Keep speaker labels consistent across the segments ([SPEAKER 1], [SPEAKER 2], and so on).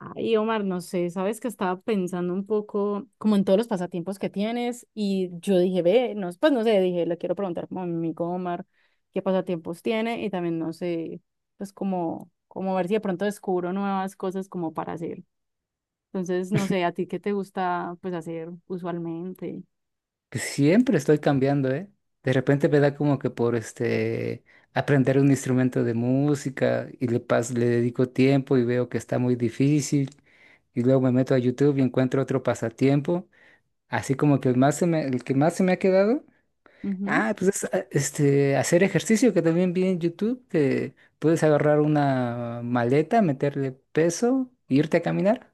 [SPEAKER 1] Ay, Omar, no sé, sabes que estaba pensando un poco como en todos los pasatiempos que tienes y yo dije, ve, no, pues no sé, dije, le quiero preguntar como a mi amigo Omar qué pasatiempos tiene y también no sé, pues como ver si de pronto descubro nuevas cosas como para hacer. Entonces, no sé, a ti qué te gusta pues hacer usualmente.
[SPEAKER 2] Que siempre estoy cambiando, ¿eh? De repente me da como que por este aprender un instrumento de música y le dedico tiempo y veo que está muy difícil y luego me meto a YouTube y encuentro otro pasatiempo, así como que el que más se me ha quedado,
[SPEAKER 1] Ujú.
[SPEAKER 2] este hacer ejercicio que también vi en YouTube que puedes agarrar una maleta, meterle peso, e irte a caminar.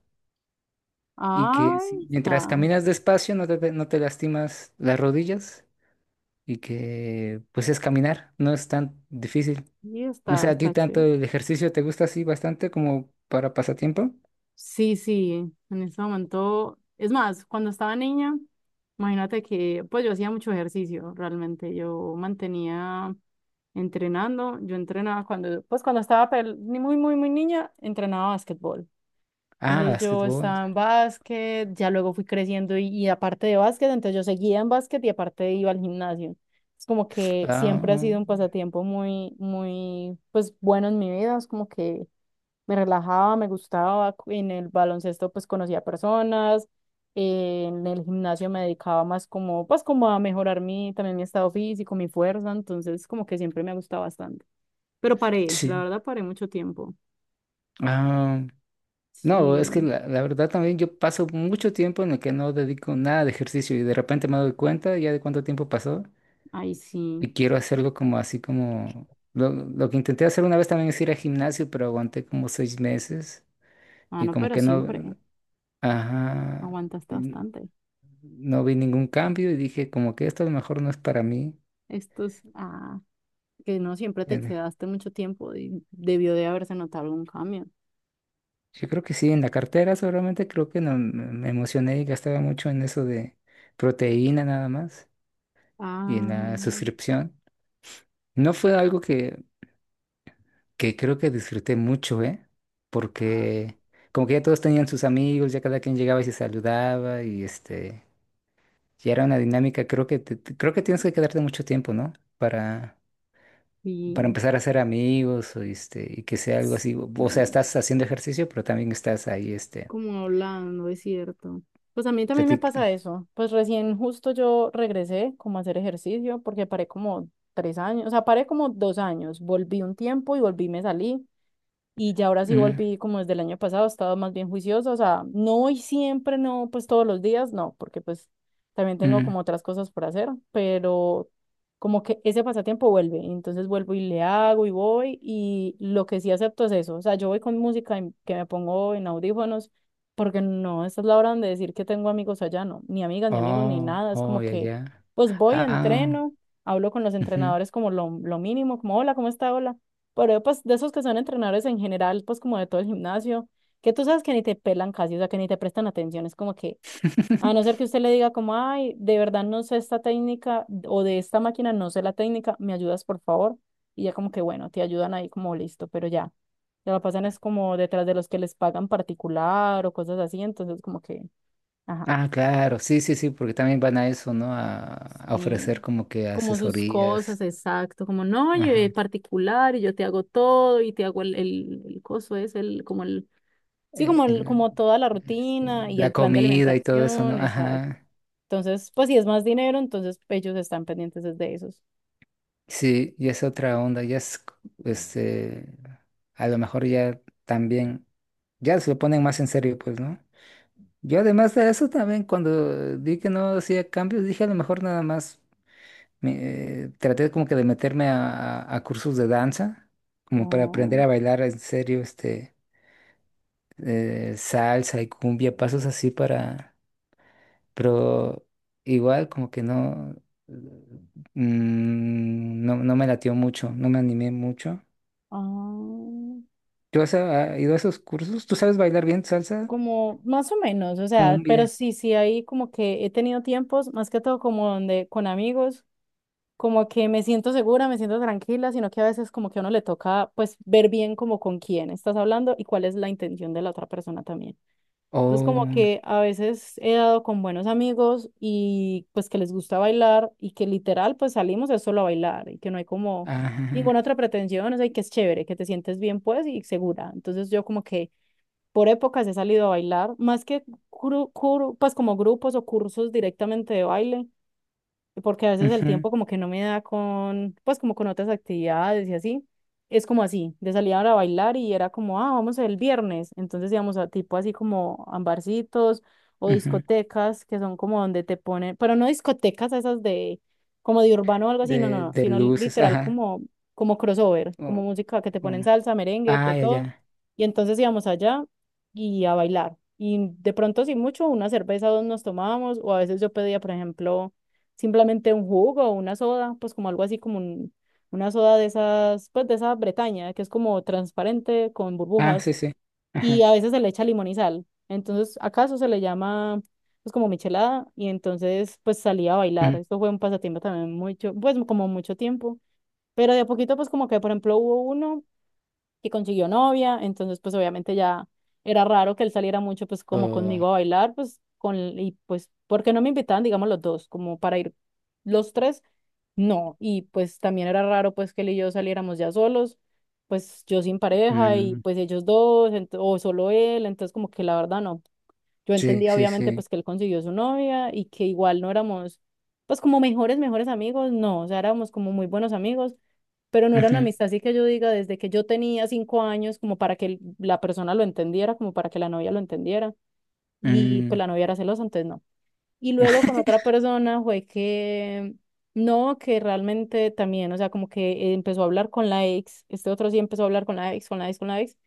[SPEAKER 2] Y que
[SPEAKER 1] Ay,
[SPEAKER 2] mientras
[SPEAKER 1] está,
[SPEAKER 2] caminas despacio no te lastimas las rodillas y que pues es caminar, no es tan difícil.
[SPEAKER 1] y
[SPEAKER 2] No sé,
[SPEAKER 1] está,
[SPEAKER 2] ¿a ti
[SPEAKER 1] está
[SPEAKER 2] tanto
[SPEAKER 1] chévere.
[SPEAKER 2] el ejercicio te gusta así bastante como para pasatiempo?
[SPEAKER 1] Sí, sí, en ese momento, es más, cuando estaba niña, imagínate que pues yo hacía mucho ejercicio, realmente, yo mantenía entrenando, yo entrenaba cuando, pues cuando estaba ni muy, muy, muy niña, entrenaba básquetbol.
[SPEAKER 2] Ah,
[SPEAKER 1] Entonces yo
[SPEAKER 2] básquetbol.
[SPEAKER 1] estaba en básquet, ya luego fui creciendo y aparte de básquet, entonces yo seguía en básquet y aparte iba al gimnasio. Es como que siempre ha
[SPEAKER 2] Ah,
[SPEAKER 1] sido un pasatiempo muy, muy, pues bueno en mi vida, es como que me relajaba, me gustaba. En el baloncesto pues conocía personas, en el gimnasio me dedicaba más como pues como a mejorar mi también mi estado físico, mi fuerza, entonces como que siempre me ha gustado bastante. Pero paré, la
[SPEAKER 2] sí.
[SPEAKER 1] verdad paré mucho tiempo.
[SPEAKER 2] Ah, no, es que
[SPEAKER 1] Sí,
[SPEAKER 2] la verdad también yo paso mucho tiempo en el que no dedico nada de ejercicio y de repente me doy cuenta ya de cuánto tiempo pasó
[SPEAKER 1] ahí sí.
[SPEAKER 2] y quiero hacerlo como así como... Lo que intenté hacer una vez también es ir al gimnasio, pero aguanté como seis meses
[SPEAKER 1] Ah,
[SPEAKER 2] y
[SPEAKER 1] no,
[SPEAKER 2] como
[SPEAKER 1] pero
[SPEAKER 2] que
[SPEAKER 1] siempre
[SPEAKER 2] no... Ajá.
[SPEAKER 1] aguantaste bastante.
[SPEAKER 2] No vi ningún cambio y dije como que esto a lo mejor no es para mí.
[SPEAKER 1] Estos, ah, que no siempre te
[SPEAKER 2] Eh,
[SPEAKER 1] quedaste mucho tiempo y debió de haberse notado algún cambio.
[SPEAKER 2] yo creo que sí, en la cartera seguramente creo que no, me emocioné y gastaba mucho en eso de proteína nada más y en
[SPEAKER 1] Ah,
[SPEAKER 2] la suscripción. No fue algo que creo que disfruté mucho, ¿eh?
[SPEAKER 1] ah,
[SPEAKER 2] Porque como que ya todos tenían sus amigos, ya cada quien llegaba y se saludaba y este, ya era una dinámica, creo que creo que tienes que quedarte mucho tiempo, ¿no? Para para
[SPEAKER 1] sí.
[SPEAKER 2] empezar a hacer amigos, o, este, y que sea algo así. O sea,
[SPEAKER 1] Sí,
[SPEAKER 2] estás haciendo ejercicio, pero también estás ahí, este,
[SPEAKER 1] como hablando, es cierto. Pues a mí también me
[SPEAKER 2] platic.
[SPEAKER 1] pasa eso. Pues recién justo yo regresé como a hacer ejercicio porque paré como 3 años, o sea, paré como 2 años, volví un tiempo y volví, me salí y ya ahora sí
[SPEAKER 2] Mm,
[SPEAKER 1] volví como desde el año pasado, he estado más bien juicioso, o sea, no voy siempre, no, pues todos los días, no, porque pues también tengo
[SPEAKER 2] mm.
[SPEAKER 1] como otras cosas por hacer, pero como que ese pasatiempo vuelve, y entonces vuelvo y le hago y voy y lo que sí acepto es eso, o sea, yo voy con música que me pongo en audífonos, porque no, esta es la hora donde decir que tengo amigos allá, no, ni amigas, ni amigos, ni
[SPEAKER 2] Oh,
[SPEAKER 1] nada, es
[SPEAKER 2] oh,
[SPEAKER 1] como
[SPEAKER 2] ya,
[SPEAKER 1] que
[SPEAKER 2] ya.
[SPEAKER 1] pues voy,
[SPEAKER 2] Ah,
[SPEAKER 1] entreno, hablo con los
[SPEAKER 2] ujú.
[SPEAKER 1] entrenadores como lo mínimo, como hola, ¿cómo está? Hola, pero pues de esos que son entrenadores en general, pues como de todo el gimnasio, que tú sabes que ni te pelan casi, o sea, que ni te prestan atención, es como que, a no ser que usted le diga como, ay, de verdad no sé esta técnica o de esta máquina no sé la técnica, me ayudas por favor, y ya como que bueno, te ayudan ahí como listo, pero ya, ya lo pasan es como detrás de los que les pagan particular o cosas así, entonces como que, ajá,
[SPEAKER 2] Ah, claro, sí, sí, sí, porque también van a eso, ¿no? A
[SPEAKER 1] sí,
[SPEAKER 2] ofrecer como que
[SPEAKER 1] como sus cosas,
[SPEAKER 2] asesorías,
[SPEAKER 1] exacto, como no, yo
[SPEAKER 2] ajá,
[SPEAKER 1] particular y yo te hago todo y te hago el coso es el, como el. Sí,
[SPEAKER 2] eh,
[SPEAKER 1] como,
[SPEAKER 2] el-
[SPEAKER 1] como toda la
[SPEAKER 2] este,
[SPEAKER 1] rutina y
[SPEAKER 2] la
[SPEAKER 1] el plan de
[SPEAKER 2] comida y todo eso, ¿no?
[SPEAKER 1] alimentación, exacto.
[SPEAKER 2] Ajá,
[SPEAKER 1] Entonces, pues si es más dinero, entonces ellos están pendientes desde esos.
[SPEAKER 2] sí, y es otra onda, ya es, este, a lo mejor ya también. Ya se lo ponen más en serio, pues, ¿no? Yo además de eso también cuando vi que no hacía cambios, dije a lo mejor nada más traté como que de meterme a cursos de danza, como para aprender
[SPEAKER 1] Oh,
[SPEAKER 2] a bailar en serio, este, salsa y cumbia, pasos así para, pero igual como que no, eh, no, no me latió mucho, no me animé mucho.
[SPEAKER 1] ah,
[SPEAKER 2] ¿Tú has ido a esos cursos? ¿Tú sabes bailar bien salsa?
[SPEAKER 1] como más o menos, o sea,
[SPEAKER 2] Cumbia.
[SPEAKER 1] pero sí, sí, ahí como que he tenido tiempos, más que todo como donde con amigos, como que me siento segura, me siento tranquila, sino que a veces como que a uno le toca pues ver bien como con quién estás hablando y cuál es la intención de la otra persona también. Entonces, como
[SPEAKER 2] Oh,
[SPEAKER 1] que a veces he dado con buenos amigos y pues que les gusta bailar y que literal pues salimos es solo a bailar y que no hay como ninguna
[SPEAKER 2] ajá.
[SPEAKER 1] otra pretensión, o sea, y que es chévere, que te sientes bien pues y segura. Entonces yo como que por épocas he salido a bailar, más que pues como grupos o cursos directamente de baile, porque a veces el
[SPEAKER 2] Ujú,
[SPEAKER 1] tiempo como que no me da con, pues como con otras actividades y así. Es como así, de salir ahora a bailar y era como, ah, vamos el viernes. Entonces íbamos a tipo así como a barcitos o
[SPEAKER 2] ujú.
[SPEAKER 1] discotecas que son como donde te ponen, pero no discotecas esas de como de urbano o algo así, no, no,
[SPEAKER 2] De,
[SPEAKER 1] no,
[SPEAKER 2] de
[SPEAKER 1] sino
[SPEAKER 2] luces,
[SPEAKER 1] literal
[SPEAKER 2] ajá.
[SPEAKER 1] como crossover, como
[SPEAKER 2] Oh,
[SPEAKER 1] música que te ponen
[SPEAKER 2] mm.
[SPEAKER 1] salsa, merengue,
[SPEAKER 2] Ah,
[SPEAKER 1] de
[SPEAKER 2] ya,
[SPEAKER 1] todo.
[SPEAKER 2] ya.
[SPEAKER 1] Y entonces íbamos allá y a bailar. Y de pronto, sin mucho, una cerveza o dos nos tomábamos, o a veces yo pedía, por ejemplo, simplemente un jugo o una soda, pues como algo así como una soda de esas, pues de esa Bretaña, que es como transparente con
[SPEAKER 2] Ah,
[SPEAKER 1] burbujas
[SPEAKER 2] sí, sí.
[SPEAKER 1] y
[SPEAKER 2] Ajá.
[SPEAKER 1] a veces se le echa limón y sal. Entonces, acaso se le llama pues como michelada y entonces pues salía a bailar.
[SPEAKER 2] Mm.
[SPEAKER 1] Esto fue un pasatiempo también mucho, pues como mucho tiempo, pero de a poquito pues como que por ejemplo hubo uno que consiguió novia, entonces pues obviamente ya era raro que él saliera mucho pues como
[SPEAKER 2] Oh,
[SPEAKER 1] conmigo a bailar, pues con y pues porque no me invitaban, digamos los dos, como para ir los tres no, y pues también era raro pues que él y yo saliéramos ya solos, pues yo sin pareja y
[SPEAKER 2] mm.
[SPEAKER 1] pues ellos dos, o solo él, entonces como que la verdad no. Yo
[SPEAKER 2] Sí,
[SPEAKER 1] entendía
[SPEAKER 2] sí,
[SPEAKER 1] obviamente
[SPEAKER 2] sí.
[SPEAKER 1] pues que él consiguió su novia y que igual no éramos pues como mejores amigos, no, o sea, éramos como muy buenos amigos, pero no era una
[SPEAKER 2] Ujú,
[SPEAKER 1] amistad así que yo diga desde que yo tenía 5 años como para que la persona lo entendiera, como para que la novia lo entendiera y pues
[SPEAKER 2] mm.
[SPEAKER 1] la novia era celosa, entonces no. Y luego con otra persona fue que no, que realmente también, o sea, como que empezó a hablar con la ex, este otro sí empezó a hablar con la ex, con la ex, con la ex,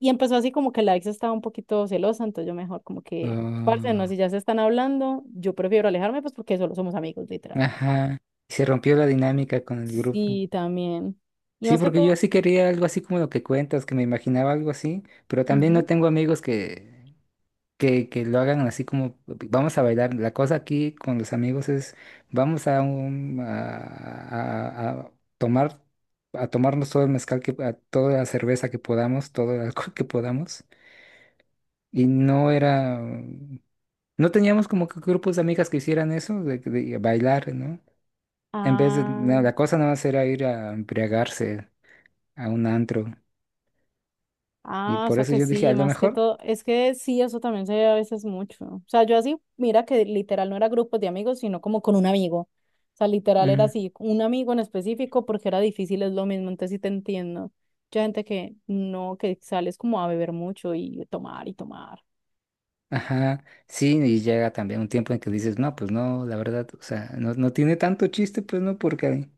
[SPEAKER 1] y empezó así como que la ex estaba un poquito celosa, entonces yo mejor como que, parce, no,
[SPEAKER 2] Oh,
[SPEAKER 1] si ya se están hablando, yo prefiero alejarme, pues porque solo somos amigos, literal.
[SPEAKER 2] ajá. Se rompió la dinámica con el grupo.
[SPEAKER 1] Sí, también. Y
[SPEAKER 2] Sí,
[SPEAKER 1] más que
[SPEAKER 2] porque
[SPEAKER 1] todo,
[SPEAKER 2] yo sí quería algo así como lo que cuentas, que me imaginaba algo así, pero también no
[SPEAKER 1] ujú.
[SPEAKER 2] tengo amigos que lo hagan así como vamos a bailar. La cosa aquí con los amigos es vamos a, un, a tomar a tomarnos todo el mezcal que a toda la cerveza que podamos, todo el alcohol que podamos. Y no teníamos como que grupos de amigas que hicieran eso de bailar, ¿no? En vez de no,
[SPEAKER 1] Ah.
[SPEAKER 2] la cosa nada más era ir a embriagarse a un antro. Y
[SPEAKER 1] Ah, o
[SPEAKER 2] por
[SPEAKER 1] sea
[SPEAKER 2] eso
[SPEAKER 1] que
[SPEAKER 2] yo dije, a
[SPEAKER 1] sí,
[SPEAKER 2] lo
[SPEAKER 1] más que
[SPEAKER 2] mejor.
[SPEAKER 1] todo, es que sí, eso también se ve a veces mucho. O sea, yo así, mira que literal no era grupos de amigos, sino como con un amigo. O sea, literal era
[SPEAKER 2] Mm.
[SPEAKER 1] así, un amigo en específico, porque era difícil, es lo mismo, entonces sí te entiendo. Mucha gente que no, que sales como a beber mucho y tomar y tomar.
[SPEAKER 2] Ajá, sí, y llega también un tiempo en que dices, no, pues no, la verdad, o sea, no, no tiene tanto chiste, pues no, porque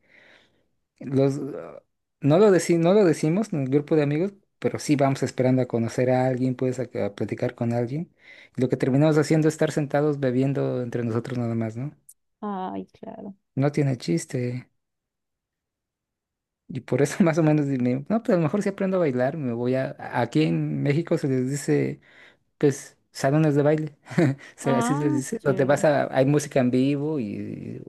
[SPEAKER 2] los, no lo deci- no lo decimos en el grupo de amigos, pero sí vamos esperando a conocer a alguien, pues a platicar con alguien. Y lo que terminamos haciendo es estar sentados bebiendo entre nosotros nada más, ¿no?
[SPEAKER 1] Ay, claro.
[SPEAKER 2] No tiene chiste. Y por eso más o menos dime, no, pues a lo mejor si aprendo a bailar, me voy aquí en México se les dice, pues, salones de baile sea, así se les
[SPEAKER 1] Ah, qué
[SPEAKER 2] dice, donde vas
[SPEAKER 1] chévere.
[SPEAKER 2] a, hay música en vivo y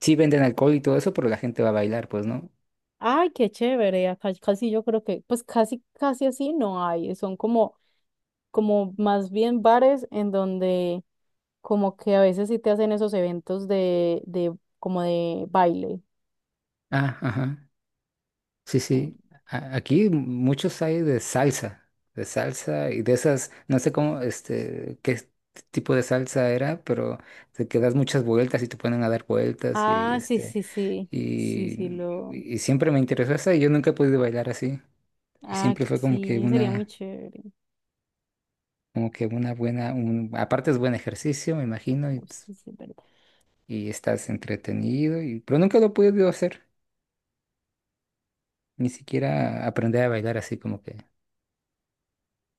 [SPEAKER 2] sí venden alcohol y todo eso, pero la gente va a bailar, pues, ¿no?
[SPEAKER 1] Ay, qué chévere. Acá casi yo creo que, pues casi, casi así no hay. Son como como más bien bares en donde como que a veces sí te hacen esos eventos de como de baile.
[SPEAKER 2] Ah, ajá. Sí,
[SPEAKER 1] Mm.
[SPEAKER 2] sí. Aquí muchos hay de salsa y de esas, no sé cómo, tipo de salsa era, pero te que das muchas vueltas y te ponen a dar vueltas y
[SPEAKER 1] Ah, sí,
[SPEAKER 2] este,
[SPEAKER 1] sí, sí, sí, sí,
[SPEAKER 2] y,
[SPEAKER 1] lo...
[SPEAKER 2] y siempre me interesó esa y yo nunca he podido bailar así. Y
[SPEAKER 1] Ah,
[SPEAKER 2] siempre fue
[SPEAKER 1] sí, sería muy chévere.
[SPEAKER 2] como que una buena, un, aparte es buen ejercicio, me imagino,
[SPEAKER 1] Oh, sí, sí, es verdad.
[SPEAKER 2] y estás entretenido, y, pero nunca lo he podido hacer. Ni siquiera aprender a bailar así como que,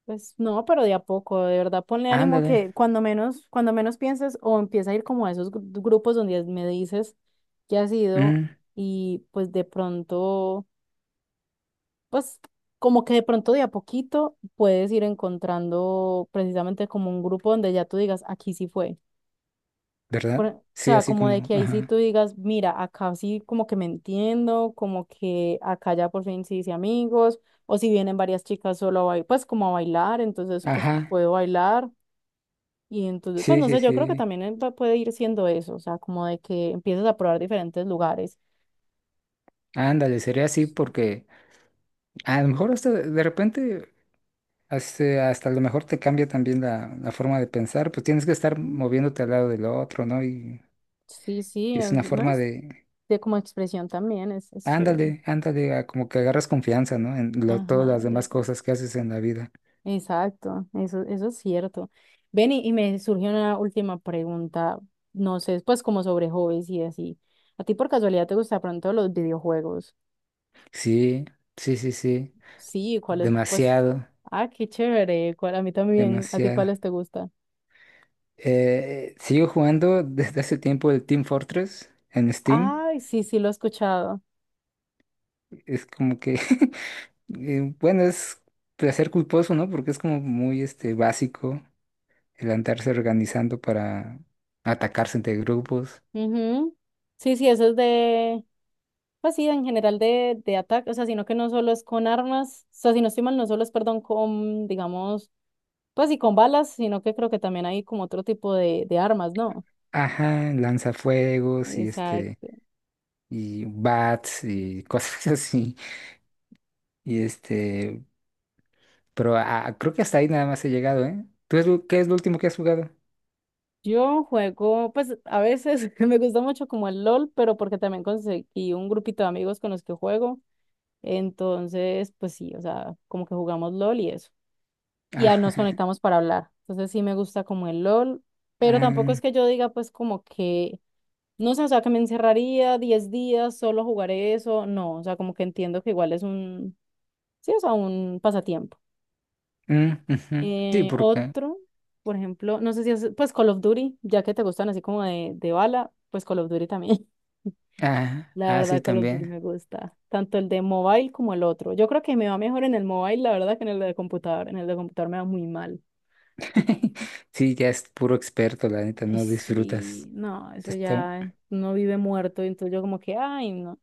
[SPEAKER 1] Pues no, pero de a poco, de verdad, ponle ánimo
[SPEAKER 2] ándale,
[SPEAKER 1] que cuando menos pienses o empieza a ir como a esos grupos donde me dices que has ido
[SPEAKER 2] mm,
[SPEAKER 1] y pues de pronto... pues como que de pronto de a poquito puedes ir encontrando precisamente como un grupo donde ya tú digas, aquí sí fue.
[SPEAKER 2] ¿verdad?
[SPEAKER 1] O
[SPEAKER 2] Sí,
[SPEAKER 1] sea,
[SPEAKER 2] así
[SPEAKER 1] como de
[SPEAKER 2] como,
[SPEAKER 1] que ahí sí tú
[SPEAKER 2] ajá,
[SPEAKER 1] digas, mira, acá sí como que me entiendo, como que acá ya por fin sí hice amigos, o si vienen varias chicas solo a bailar, pues como a bailar, entonces pues
[SPEAKER 2] ajá,
[SPEAKER 1] puedo bailar. Y entonces, pues
[SPEAKER 2] sí,
[SPEAKER 1] no
[SPEAKER 2] sí,
[SPEAKER 1] sé, yo creo que
[SPEAKER 2] sí,
[SPEAKER 1] también puede ir siendo eso, o sea, como de que empiezas a probar diferentes lugares.
[SPEAKER 2] ándale, sería así porque a lo mejor hasta de repente, hasta, hasta a lo mejor te cambia también la forma de pensar, pues tienes que estar
[SPEAKER 1] Mm,
[SPEAKER 2] moviéndote al lado del otro, ¿no?
[SPEAKER 1] sí,
[SPEAKER 2] Y es una
[SPEAKER 1] no
[SPEAKER 2] forma
[SPEAKER 1] es
[SPEAKER 2] de,
[SPEAKER 1] de como expresión también, es chévere.
[SPEAKER 2] ándale, ándale, a como que agarras confianza, ¿no? En
[SPEAKER 1] Ajá,
[SPEAKER 2] todas las demás cosas que haces en la vida.
[SPEAKER 1] exacto, eso es cierto. Ven y me surgió una última pregunta, no sé, pues como sobre hobbies y así. ¿A ti por casualidad te gusta pronto los videojuegos?
[SPEAKER 2] Sí, sí, sí, sí,
[SPEAKER 1] Sí, ¿cuáles? Pues,
[SPEAKER 2] demasiado,
[SPEAKER 1] ah, qué chévere, ¿cuál? A mí también, ¿a ti
[SPEAKER 2] demasiado.
[SPEAKER 1] cuáles te gustan?
[SPEAKER 2] Sigo jugando desde hace tiempo el Team Fortress en Steam.
[SPEAKER 1] Ay, sí, sí, lo he escuchado.
[SPEAKER 2] Es como que, bueno, es placer culposo, ¿no? Porque es como muy este, básico el andarse organizando para atacarse entre grupos.
[SPEAKER 1] Ujú. Sí, sí, eso es de, pues sí, en general de ataque, o sea, sino que no solo es con armas, o sea, si no estoy mal, no solo es, perdón, con, digamos pues y con balas, sino que creo que también hay como otro tipo de armas, ¿no?
[SPEAKER 2] Ajá, lanzafuegos y este,
[SPEAKER 1] Exacto.
[SPEAKER 2] y bats y cosas así. Y este, pero creo que hasta ahí nada más he llegado, ¿eh? ¿Tú qué es lo último que has jugado?
[SPEAKER 1] Yo juego, pues a veces me gusta mucho como el LOL, pero porque también conseguí un grupito de amigos con los que juego. Entonces, pues sí, o sea, como que jugamos LOL y eso. Y ya nos conectamos para hablar. Entonces sí me gusta como el LOL, pero tampoco es
[SPEAKER 2] Ah, ah,
[SPEAKER 1] que yo diga pues como que, no sé, o sea, que me encerraría 10 días, solo jugaré eso. No, o sea, como que entiendo que igual es un, sí, o sea, un pasatiempo.
[SPEAKER 2] mm, ujú. Sí, porque
[SPEAKER 1] Otro, por ejemplo, no sé si es, pues Call of Duty, ya que te gustan así como de bala, pues Call of Duty también.
[SPEAKER 2] Ah,
[SPEAKER 1] La
[SPEAKER 2] ah, sí,
[SPEAKER 1] verdad, Call of Duty
[SPEAKER 2] también.
[SPEAKER 1] me gusta, tanto el de mobile como el otro. Yo creo que me va mejor en el mobile, la verdad, que en el de computador. En el de computador me va muy mal.
[SPEAKER 2] Sí, ya es puro experto, la neta,
[SPEAKER 1] Ay,
[SPEAKER 2] no
[SPEAKER 1] sí,
[SPEAKER 2] disfrutas.
[SPEAKER 1] no, eso
[SPEAKER 2] Te
[SPEAKER 1] ya no vive muerto, entonces yo como que, ay, no.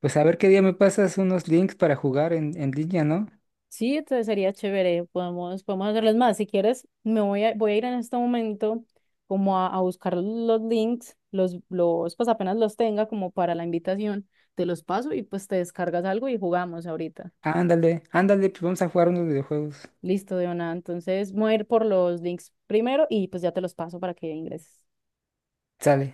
[SPEAKER 2] Pues a ver qué día me pasas unos links para jugar en línea, ¿no?
[SPEAKER 1] Sí, entonces sería chévere, podemos, podemos hacerlas más. Si quieres, me voy a, voy a ir en este momento como a buscar los links, pues apenas los tenga como para la invitación, te los paso y pues te descargas algo y jugamos ahorita.
[SPEAKER 2] Ándale, ándale, pues vamos a jugar unos videojuegos.
[SPEAKER 1] Listo, Diona. Entonces, voy a ir por los links primero y pues ya te los paso para que ingreses.
[SPEAKER 2] Sale.